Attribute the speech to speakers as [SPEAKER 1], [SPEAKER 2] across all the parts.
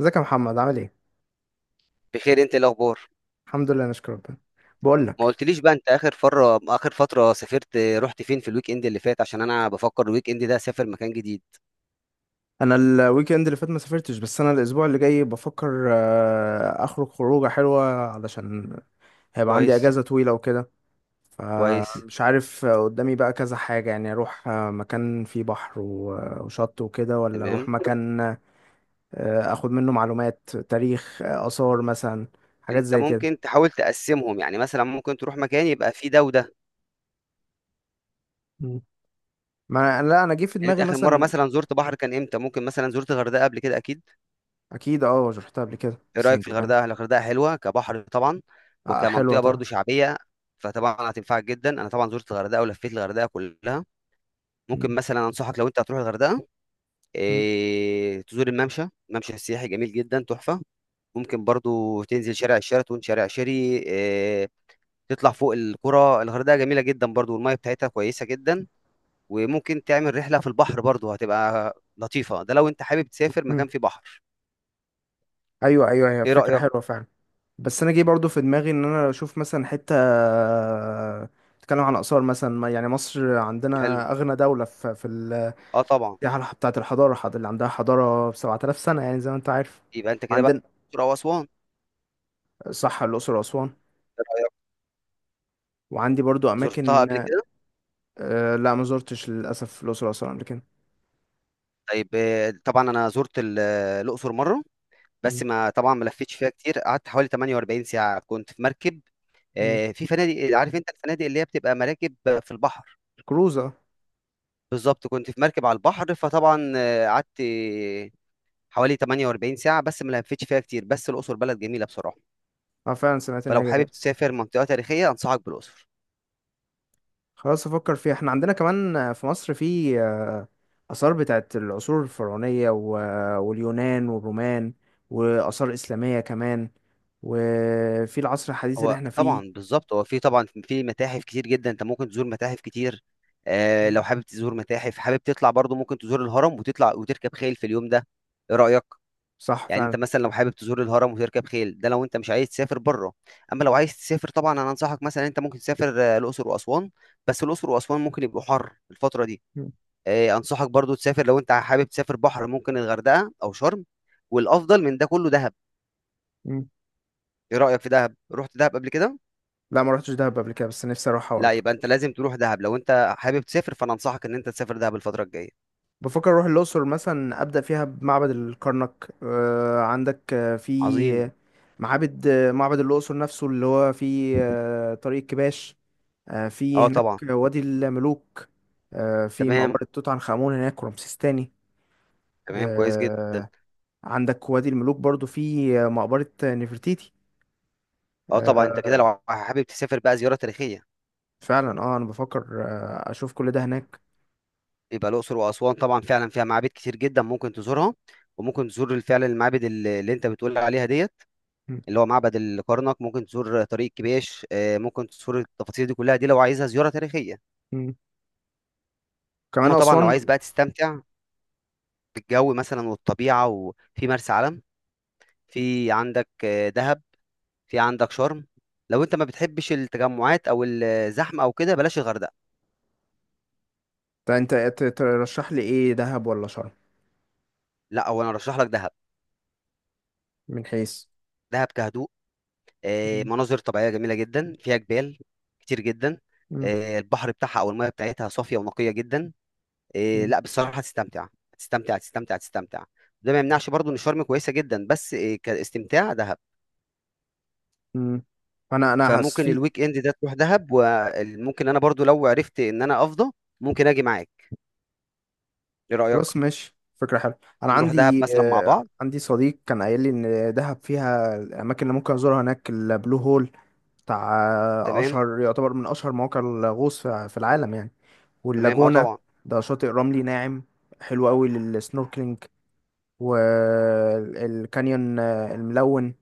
[SPEAKER 1] ازيك يا محمد؟ عامل ايه؟
[SPEAKER 2] بخير، انت ايه الاخبار؟
[SPEAKER 1] الحمد لله، نشكر ربنا. بقول
[SPEAKER 2] ما
[SPEAKER 1] لك.
[SPEAKER 2] قلتليش بقى، انت اخر فترة سافرت رحت فين في الويك اند اللي فات؟ عشان انا بفكر الويك اند ده اسافر مكان جديد.
[SPEAKER 1] انا الويك اند اللي فات ما سافرتش، بس انا الاسبوع اللي جاي بفكر اخرج خروجه حلوه. علشان هيبقى عندي
[SPEAKER 2] كويس.
[SPEAKER 1] اجازه طويله وكده.
[SPEAKER 2] كويس.
[SPEAKER 1] فمش عارف، قدامي بقى كذا حاجه، يعني اروح مكان فيه بحر وشط وكده، ولا اروح
[SPEAKER 2] تمام.
[SPEAKER 1] مكان اخد منه معلومات تاريخ، اثار مثلا. حاجات
[SPEAKER 2] انت
[SPEAKER 1] زي كده.
[SPEAKER 2] ممكن تحاول تقسمهم، يعني مثلا ممكن تروح مكان يبقى فيه ده وده.
[SPEAKER 1] مم. ما، لا، انا جه في
[SPEAKER 2] يعني انت
[SPEAKER 1] دماغي
[SPEAKER 2] اخر مرة
[SPEAKER 1] مثلا.
[SPEAKER 2] مثلا زرت بحر كان امتى؟ ممكن مثلا زرت الغردقة قبل كده، اكيد.
[SPEAKER 1] اكيد، اه رحتها قبل كده
[SPEAKER 2] ايه
[SPEAKER 1] بس
[SPEAKER 2] رأيك
[SPEAKER 1] من
[SPEAKER 2] في
[SPEAKER 1] زمان.
[SPEAKER 2] الغردقة؟ الغردقة حلوة كبحر طبعا،
[SPEAKER 1] حلوه
[SPEAKER 2] وكمنطقة
[SPEAKER 1] طبعا.
[SPEAKER 2] برضو شعبية، فطبعا هتنفعك جدا. انا طبعا زرت الغردقة ولفيت الغردقة كلها. ممكن مثلا انصحك، لو انت هتروح الغردقة،
[SPEAKER 1] مم.
[SPEAKER 2] إيه، تزور الممشى، ممشى سياحي جميل جدا تحفة. ممكن برضو تنزل شارع الشيراتون، شارع شيري، إيه، تطلع فوق القرى. الغردقة جميلة جدا برضو، والمية بتاعتها كويسة جدا. وممكن تعمل رحلة في البحر برضو، هتبقى لطيفة. ده لو انت حابب تسافر مكان
[SPEAKER 1] مم.
[SPEAKER 2] فيه بحر.
[SPEAKER 1] ايوه، ايوه، هي
[SPEAKER 2] ايه
[SPEAKER 1] فكره
[SPEAKER 2] رأيك؟
[SPEAKER 1] حلوه فعلا. بس انا جه برضو في دماغي ان انا اشوف مثلا حته تتكلم عن اثار مثلا، يعني مصر
[SPEAKER 2] حلو.
[SPEAKER 1] عندنا اغنى دوله في
[SPEAKER 2] اه طبعا.
[SPEAKER 1] السياحه بتاعه الحضاره، اللي عندها حضاره ب 7000 سنه، يعني زي ما انت عارف
[SPEAKER 2] يبقى انت كده بقى
[SPEAKER 1] عندنا.
[SPEAKER 2] الأقصر أو أسوان.
[SPEAKER 1] صح، الاقصر واسوان.
[SPEAKER 2] إيه رأيك؟
[SPEAKER 1] وعندي برضو
[SPEAKER 2] زرتها
[SPEAKER 1] اماكن.
[SPEAKER 2] قبل كده؟
[SPEAKER 1] لا، ما زرتش للاسف الاقصر واسوان قبل كده.
[SPEAKER 2] طيب، طبعا انا زرت الأقصر مرة. بس
[SPEAKER 1] مم.
[SPEAKER 2] ما طبعا ما لفتش فيها كتير، قعدت حوالي 48 ساعة، كنت في مركب.
[SPEAKER 1] مم.
[SPEAKER 2] في فنادق. عارف انت الفنادق اللي هي بتبقى مراكب في البحر.
[SPEAKER 1] الكروزه.
[SPEAKER 2] بالظبط، كنت في مركب على البحر. فطبعا قعدت حوالي 48 ساعة، بس ما لفتش فيها كتير. بس الأقصر بلد جميلة بصراحة.
[SPEAKER 1] اه فعلا سمعت ان
[SPEAKER 2] فلو
[SPEAKER 1] هي
[SPEAKER 2] حابب
[SPEAKER 1] جميله.
[SPEAKER 2] تسافر منطقة تاريخية، أنصحك بالأقصر.
[SPEAKER 1] خلاص، افكر فيها. احنا عندنا كمان في مصر، في اثار بتاعت العصور الفرعونيه، واليونان والرومان، واثار اسلاميه كمان، وفي العصر الحديث اللي
[SPEAKER 2] هو
[SPEAKER 1] احنا فيه.
[SPEAKER 2] طبعا بالظبط، هو في طبعا في متاحف كتير جدا، انت ممكن تزور متاحف كتير. لو حابب تزور متاحف، حابب تطلع برضو، ممكن تزور الهرم وتطلع وتركب خيل في اليوم ده. ايه رأيك؟
[SPEAKER 1] صح
[SPEAKER 2] يعني انت
[SPEAKER 1] فعلا.
[SPEAKER 2] مثلا لو حابب تزور الهرم وتركب خيل، ده لو انت مش عايز تسافر بره. اما لو عايز تسافر، طبعا انا انصحك مثلا، انت ممكن تسافر الاقصر واسوان. بس الاقصر واسوان ممكن يبقوا حر الفتره دي.
[SPEAKER 1] مم.
[SPEAKER 2] انصحك برضو تسافر. لو انت حابب تسافر بحر، ممكن الغردقه او شرم، والافضل من ده كله دهب.
[SPEAKER 1] مم.
[SPEAKER 2] ايه رايك في دهب؟ رحت دهب قبل كده؟
[SPEAKER 1] لا، ما رحتش دهب قبل كده، بس نفسي اروحها
[SPEAKER 2] لا،
[SPEAKER 1] برضه.
[SPEAKER 2] يبقى انت لازم تروح دهب. لو انت حابب تسافر، فانا انصحك ان انت تسافر دهب الفتره الجايه.
[SPEAKER 1] بفكر اروح الاقصر مثلا، ابدا فيها بمعبد الكرنك. عندك
[SPEAKER 2] عظيم.
[SPEAKER 1] في معابد، معبد الاقصر نفسه اللي هو في طريق الكباش. في
[SPEAKER 2] اه
[SPEAKER 1] هناك
[SPEAKER 2] طبعا.
[SPEAKER 1] وادي الملوك. في
[SPEAKER 2] تمام.
[SPEAKER 1] مقبرة توت عنخ آمون هناك، ورمسيس تاني.
[SPEAKER 2] تمام. كويس جدا.
[SPEAKER 1] آه، عندك وادي الملوك برضو، في مقبرة نفرتيتي.
[SPEAKER 2] اه طبعا. انت كده
[SPEAKER 1] آه،
[SPEAKER 2] لو حابب تسافر بقى زياره تاريخيه،
[SPEAKER 1] فعلا، اه انا بفكر اشوف كل ده هناك.
[SPEAKER 2] يبقى الأقصر وأسوان طبعا فعلا فيها معابد كتير جدا ممكن تزورها. وممكن تزور فعلا المعابد اللي انت بتقول عليها ديت،
[SPEAKER 1] م-
[SPEAKER 2] اللي هو معبد الكرنك. ممكن تزور طريق كبيش، ممكن تزور التفاصيل دي كلها، دي لو عايزها زيارة تاريخية.
[SPEAKER 1] م. كمان
[SPEAKER 2] اما طبعا لو
[SPEAKER 1] اسوان.
[SPEAKER 2] عايز بقى تستمتع بالجو مثلا والطبيعة، وفي مرسى علم، في عندك دهب، في عندك شرم. لو انت ما بتحبش التجمعات او الزحمة او كده، بلاش الغردقة.
[SPEAKER 1] طب انت ترشح لي ايه، دهب ولا شرم؟
[SPEAKER 2] لا، هو انا ارشح لك دهب.
[SPEAKER 1] من حيث.
[SPEAKER 2] دهب كهدوء،
[SPEAKER 1] م-
[SPEAKER 2] مناظر طبيعية جميلة جدا، فيها جبال كتير جدا.
[SPEAKER 1] م-
[SPEAKER 2] البحر بتاعها أو المياه بتاعتها صافية ونقية جدا.
[SPEAKER 1] م.
[SPEAKER 2] لا بصراحة هتستمتع، هتستمتع، هتستمتع، هتستمتع. ده ما يمنعش برضو إن شرم كويسة جدا، بس كاستمتاع دهب.
[SPEAKER 1] مم. انا حاسس
[SPEAKER 2] فممكن
[SPEAKER 1] في.
[SPEAKER 2] الويك إند ده تروح دهب، وممكن أنا برضو لو عرفت إن أنا أفضى، ممكن أجي معاك. إيه رأيك؟
[SPEAKER 1] خلاص ماشي، فكرة حلوة. أنا
[SPEAKER 2] نروح دهب
[SPEAKER 1] عندي
[SPEAKER 2] مثلا مع
[SPEAKER 1] آه،
[SPEAKER 2] بعض.
[SPEAKER 1] عندي صديق كان قايل لي إن دهب فيها الأماكن اللي ممكن أزورها هناك، البلو هول بتاع
[SPEAKER 2] تمام.
[SPEAKER 1] أشهر، يعتبر من أشهر مواقع الغوص في العالم يعني.
[SPEAKER 2] تمام. أه
[SPEAKER 1] واللاجونة،
[SPEAKER 2] طبعا.
[SPEAKER 1] ده شاطئ رملي ناعم، حلو قوي للسنوركلينج، والكانيون الملون،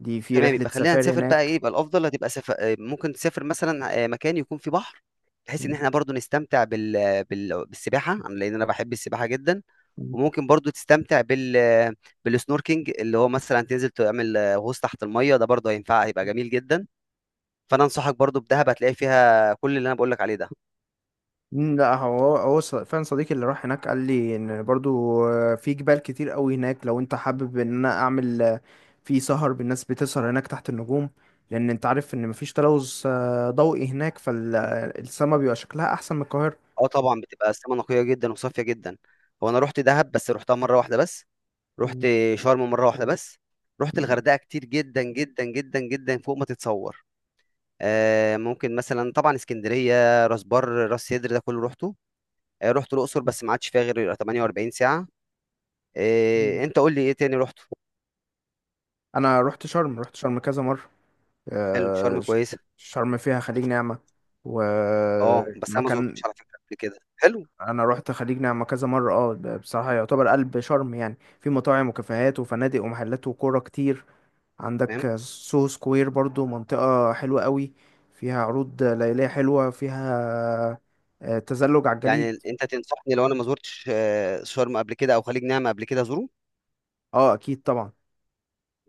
[SPEAKER 1] دي في
[SPEAKER 2] تمام.
[SPEAKER 1] رحلة
[SPEAKER 2] يبقى خلينا
[SPEAKER 1] سفاري
[SPEAKER 2] نسافر بقى. ايه
[SPEAKER 1] هناك.
[SPEAKER 2] يبقى الافضل؟ هتبقى سفر، ممكن تسافر مثلا مكان يكون فيه بحر، بحيث ان احنا برضو نستمتع بالسباحه. لان انا بحب السباحه جدا. وممكن برضو تستمتع بالسنوركينج، اللي هو مثلا تنزل تعمل غوص تحت الميه. ده برضو هينفع، هيبقى جميل جدا. فانا انصحك برضو بدهب، هتلاقي فيها كل اللي انا بقول لك عليه ده.
[SPEAKER 1] لا هو فعلا، صديقي اللي راح هناك قال لي ان برضو في جبال كتير قوي هناك. لو انت حابب ان انا اعمل في سهر بالناس بتسهر هناك تحت النجوم، لان انت عارف ان مفيش تلوث ضوئي هناك، فالسما بيبقى شكلها احسن من القاهرة.
[SPEAKER 2] اه طبعا، بتبقى السما نقيه جدا وصافيه جدا. هو انا رحت دهب بس رحتها مره واحده بس. رحت
[SPEAKER 1] مم.
[SPEAKER 2] شرم مره واحده بس. رحت الغردقه كتير، جدا جدا جدا جدا، فوق ما تتصور. ممكن مثلا، طبعا اسكندريه، راس بر، راس سدر، ده كله روحته. رحت الاقصر بس ما عادش فيها غير 48 ساعه.
[SPEAKER 1] مم.
[SPEAKER 2] انت قول لي ايه تاني روحته؟
[SPEAKER 1] انا رحت شرم، رحت شرم كذا مرة.
[SPEAKER 2] حلو.
[SPEAKER 1] آه،
[SPEAKER 2] شرم
[SPEAKER 1] ش-
[SPEAKER 2] كويسه.
[SPEAKER 1] شرم فيها خليج نعمة
[SPEAKER 2] اه بس انا ما
[SPEAKER 1] ومكان.
[SPEAKER 2] زرتوش على فكره قبل كده. حلو.
[SPEAKER 1] انا رحت خليج نعمة كذا مرة. اه، بصراحة يعتبر قلب شرم، يعني في مطاعم وكافيهات وفنادق ومحلات وكورة كتير.
[SPEAKER 2] تمام.
[SPEAKER 1] عندك سوهو سكوير برضو، منطقة حلوة قوي، فيها عروض ليلية حلوة، فيها تزلج على الجليد.
[SPEAKER 2] يعني انت تنصحني لو انا ما زرتش آه، شرم قبل كده او خليج نعمه قبل كده ازوره
[SPEAKER 1] اه، اكيد طبعا.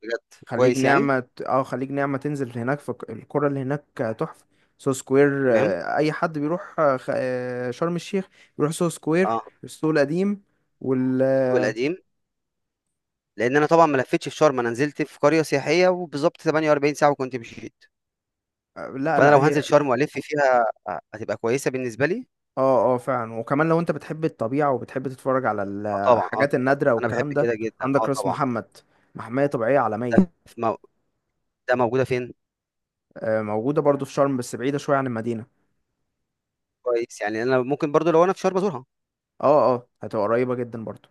[SPEAKER 2] بجد كويس يعني
[SPEAKER 1] خليج نعمة تنزل هناك في القرى اللي هناك، تحفة. سوهو سكوير،
[SPEAKER 2] تمام
[SPEAKER 1] اي حد بيروح شرم الشيخ بيروح سوهو سكوير،
[SPEAKER 2] اه.
[SPEAKER 1] السوق القديم، وال
[SPEAKER 2] السوق
[SPEAKER 1] آه،
[SPEAKER 2] القديم. لان انا طبعا ما لفتش في شرم، انا نزلت في قريه سياحيه وبالظبط 48 ساعه وكنت مشيت.
[SPEAKER 1] لا،
[SPEAKER 2] فانا
[SPEAKER 1] لا،
[SPEAKER 2] لو هنزل
[SPEAKER 1] هي.
[SPEAKER 2] شرم والف فيها هتبقى كويسه بالنسبه لي.
[SPEAKER 1] اه، اه، فعلا، وكمان لو انت بتحب الطبيعة وبتحب تتفرج على
[SPEAKER 2] طبعًا، طبعًا،
[SPEAKER 1] الحاجات النادرة
[SPEAKER 2] أنا باحب
[SPEAKER 1] والكلام ده.
[SPEAKER 2] كده جدًا،
[SPEAKER 1] عندك راس
[SPEAKER 2] طبعًا.
[SPEAKER 1] محمد، محمية طبيعية
[SPEAKER 2] ده
[SPEAKER 1] عالمية.
[SPEAKER 2] ف مو ده موجودة فين؟
[SPEAKER 1] موجودة برضو في شرم بس بعيدة شوية عن المدينة.
[SPEAKER 2] كويس، يعني أنا ممكن برضه لو أنا في شرم أزورها.
[SPEAKER 1] اه، اه، هتبقى قريبة جدا برضو،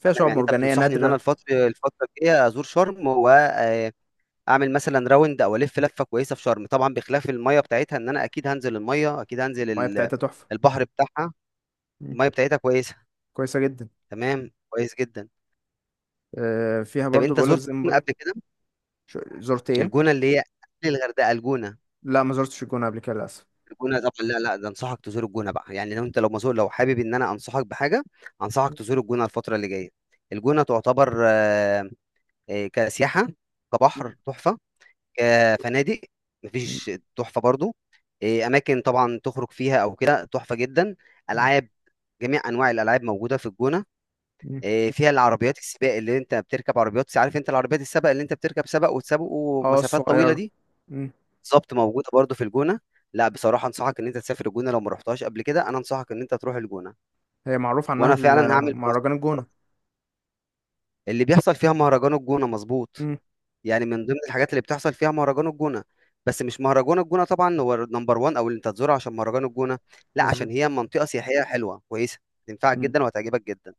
[SPEAKER 1] فيها
[SPEAKER 2] تمام،
[SPEAKER 1] شعاب
[SPEAKER 2] يعني أنت
[SPEAKER 1] مرجانية
[SPEAKER 2] بتنصحني إن أنا
[SPEAKER 1] نادرة.
[SPEAKER 2] الفترة الجاية أزور شرم، وآآ، أعمل مثلًا round أو ألِف لفة كويسة في شرم، طبعًا بخلاف المَيّة بتاعتها. إن أنا أكيد هانزل المَيّة، أكيد هانزل
[SPEAKER 1] المياه بتاعتها تحفة.
[SPEAKER 2] البحر بتاعها،
[SPEAKER 1] مم.
[SPEAKER 2] المَيّة بتاعتها كويسة.
[SPEAKER 1] كويسة جدا.
[SPEAKER 2] تمام، كويس جدًا.
[SPEAKER 1] فيها
[SPEAKER 2] طب
[SPEAKER 1] برضو
[SPEAKER 2] أنت
[SPEAKER 1] بقولك
[SPEAKER 2] زُرت
[SPEAKER 1] زي ما
[SPEAKER 2] الجونة قبل
[SPEAKER 1] بقولك.
[SPEAKER 2] كده؟
[SPEAKER 1] زرت ايه؟
[SPEAKER 2] الجونة اللي هي قبل الغردقة، الجونة.
[SPEAKER 1] لا، ما زرتش الجونة قبل كده للأسف.
[SPEAKER 2] الجونه طبعا، لا، لا، ده انصحك تزور الجونه بقى. يعني لو مسؤول، لو حابب ان انا انصحك بحاجه، انصحك
[SPEAKER 1] مم.
[SPEAKER 2] تزور الجونه الفتره اللي جايه. الجونه تعتبر كسياحه، كبحر تحفه، كفنادق
[SPEAKER 1] مم.
[SPEAKER 2] مفيش، تحفه برضو. اماكن طبعا تخرج فيها او كده تحفه جدا.
[SPEAKER 1] مم.
[SPEAKER 2] العاب، جميع انواع الالعاب موجوده في الجونه.
[SPEAKER 1] مم.
[SPEAKER 2] فيها العربيات السباق، اللي انت بتركب عربيات، عارف انت العربيات السباق اللي انت بتركب سباق وتسابقوا
[SPEAKER 1] اه،
[SPEAKER 2] مسافات طويله
[SPEAKER 1] الصغيرة.
[SPEAKER 2] دي.
[SPEAKER 1] مم.
[SPEAKER 2] بالظبط موجوده برضو في الجونه. لا بصراحه انصحك ان انت تسافر الجونه، لو ما رحتهاش قبل كده، انا انصحك ان انت تروح الجونه.
[SPEAKER 1] هي معروف عنها
[SPEAKER 2] وانا فعلا هعمل بنفسي.
[SPEAKER 1] مهرجان الجونة.
[SPEAKER 2] اللي بيحصل فيها مهرجان الجونه، مظبوط.
[SPEAKER 1] مم.
[SPEAKER 2] يعني من ضمن الحاجات اللي بتحصل فيها مهرجان الجونه، بس مش مهرجان الجونه طبعا هو نمبر 1 او اللي انت تزوره عشان مهرجان الجونه. لا، عشان
[SPEAKER 1] مظبوط.
[SPEAKER 2] هي منطقه سياحيه حلوه كويسه، تنفعك جدا وهتعجبك جدا.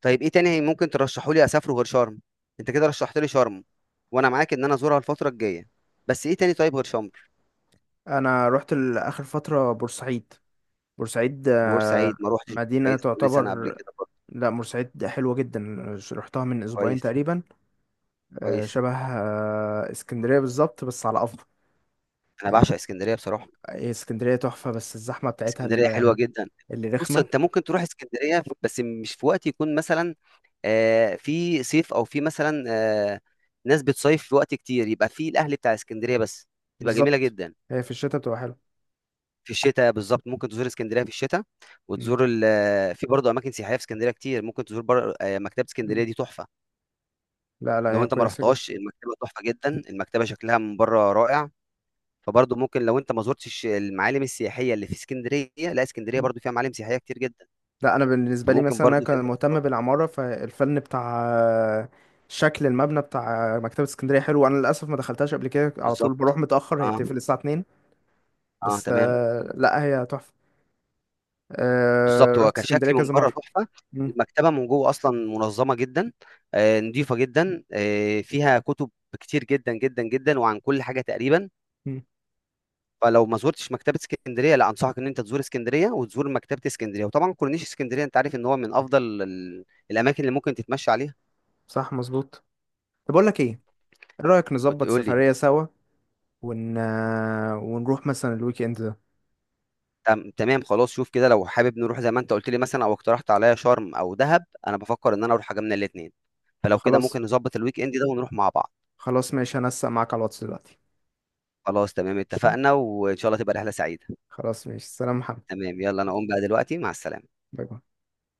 [SPEAKER 2] طيب، ايه تاني ممكن ترشحوا لي اسافره غير شرم؟ انت كده رشحت لي شرم، وانا معاك ان انا ازورها الفتره الجايه. بس ايه تاني طيب غير شرم؟
[SPEAKER 1] انا رحت لاخر فتره بورسعيد. بورسعيد،
[SPEAKER 2] بورسعيد ما روحتش.
[SPEAKER 1] مدينه
[SPEAKER 2] بورسعيد كل سنه قبل
[SPEAKER 1] تعتبر.
[SPEAKER 2] كده.
[SPEAKER 1] لا، بورسعيد حلوه جدا، رحتها من اسبوعين
[SPEAKER 2] كويس،
[SPEAKER 1] تقريبا.
[SPEAKER 2] كويس.
[SPEAKER 1] شبه اسكندريه بالظبط، بس على افضل،
[SPEAKER 2] أنا
[SPEAKER 1] يعني.
[SPEAKER 2] باعشق إسكندرية بصراحة،
[SPEAKER 1] هي اسكندريه تحفه، بس الزحمه بتاعتها
[SPEAKER 2] إسكندرية حلوة جدًا.
[SPEAKER 1] اللي
[SPEAKER 2] بُص،
[SPEAKER 1] رخمه،
[SPEAKER 2] أنت ممكن تروح إسكندرية، بس مش في وقت يكون مثلًا في صيف، أو في مثلًا ناس بتصيف في وقت كتير، يبقى في الأهل بتاع إسكندرية بس، تبقى جميلة
[SPEAKER 1] بالظبط.
[SPEAKER 2] جدًا.
[SPEAKER 1] هي في الشتاء بتبقى حلوه.
[SPEAKER 2] في الشتا بالضبط، ممكن تزور إسكندرية في الشتا،
[SPEAKER 1] مم.
[SPEAKER 2] وتزور ال آه، في برضه أماكن سياحية في إسكندرية كتير، ممكن تزور بر مكتبة
[SPEAKER 1] مم.
[SPEAKER 2] إسكندرية دي تحفة.
[SPEAKER 1] لا، لا،
[SPEAKER 2] لو
[SPEAKER 1] هي
[SPEAKER 2] أنت ما
[SPEAKER 1] كويسه جدا.
[SPEAKER 2] رحتهاش، المكتبة تحفة جدًا، المكتبة شكلها من برّه رائع. فبرضه ممكن لو انت ما زرتش المعالم السياحيه اللي في اسكندريه، لا اسكندريه برضه فيها معالم سياحيه كتير جدا،
[SPEAKER 1] لا، انا بالنسبه لي
[SPEAKER 2] فممكن
[SPEAKER 1] مثلا، انا
[SPEAKER 2] برضه
[SPEAKER 1] كان
[SPEAKER 2] تقدر تزور.
[SPEAKER 1] مهتم بالعماره، فالفن بتاع شكل المبنى بتاع مكتبه اسكندريه حلو. انا للاسف ما دخلتهاش قبل كده، على طول
[SPEAKER 2] بالظبط.
[SPEAKER 1] بروح متاخر، هي
[SPEAKER 2] اه،
[SPEAKER 1] بتقفل الساعه 2.
[SPEAKER 2] اه.
[SPEAKER 1] بس
[SPEAKER 2] تمام.
[SPEAKER 1] لا، هي تحفه.
[SPEAKER 2] بالظبط هو
[SPEAKER 1] رحت اسكندريه
[SPEAKER 2] كشكل من
[SPEAKER 1] كذا
[SPEAKER 2] بره
[SPEAKER 1] مره.
[SPEAKER 2] تحفه.
[SPEAKER 1] مم.
[SPEAKER 2] المكتبه من جوه اصلا منظمه جدا، نظيفه جدا، فيها كتب كتير جدا جدا جدا، وعن كل حاجه تقريبا.
[SPEAKER 1] مم.
[SPEAKER 2] فلو ما زورتش مكتبه اسكندريه، لا انصحك ان انت تزور اسكندريه وتزور مكتبه اسكندريه، وطبعا كورنيش اسكندريه انت عارف ان هو من افضل الاماكن اللي ممكن تتمشى عليها.
[SPEAKER 1] صح، مظبوط. طب اقول لك ايه، ايه رايك نظبط
[SPEAKER 2] وتقول لي.
[SPEAKER 1] سفريه سوا ون... آه، ونروح مثلا الويك اند ده.
[SPEAKER 2] تمام خلاص، شوف كده لو حابب نروح زي ما انت قلت لي مثلا او اقترحت عليا شرم او دهب، انا بفكر ان انا اروح حاجه من الاثنين. فلو كده
[SPEAKER 1] خلاص.
[SPEAKER 2] ممكن نظبط الويك اند ده ونروح مع بعض.
[SPEAKER 1] خلاص، ماشي، هنسق معاك على الواتس دلوقتي.
[SPEAKER 2] خلاص تمام،
[SPEAKER 1] ماشي.
[SPEAKER 2] اتفقنا، وان شاء الله تبقى رحله سعيده.
[SPEAKER 1] خلاص، ماشي، سلام محمد.
[SPEAKER 2] تمام، يلا انا اقوم بقى دلوقتي، مع السلامه.
[SPEAKER 1] باي باي.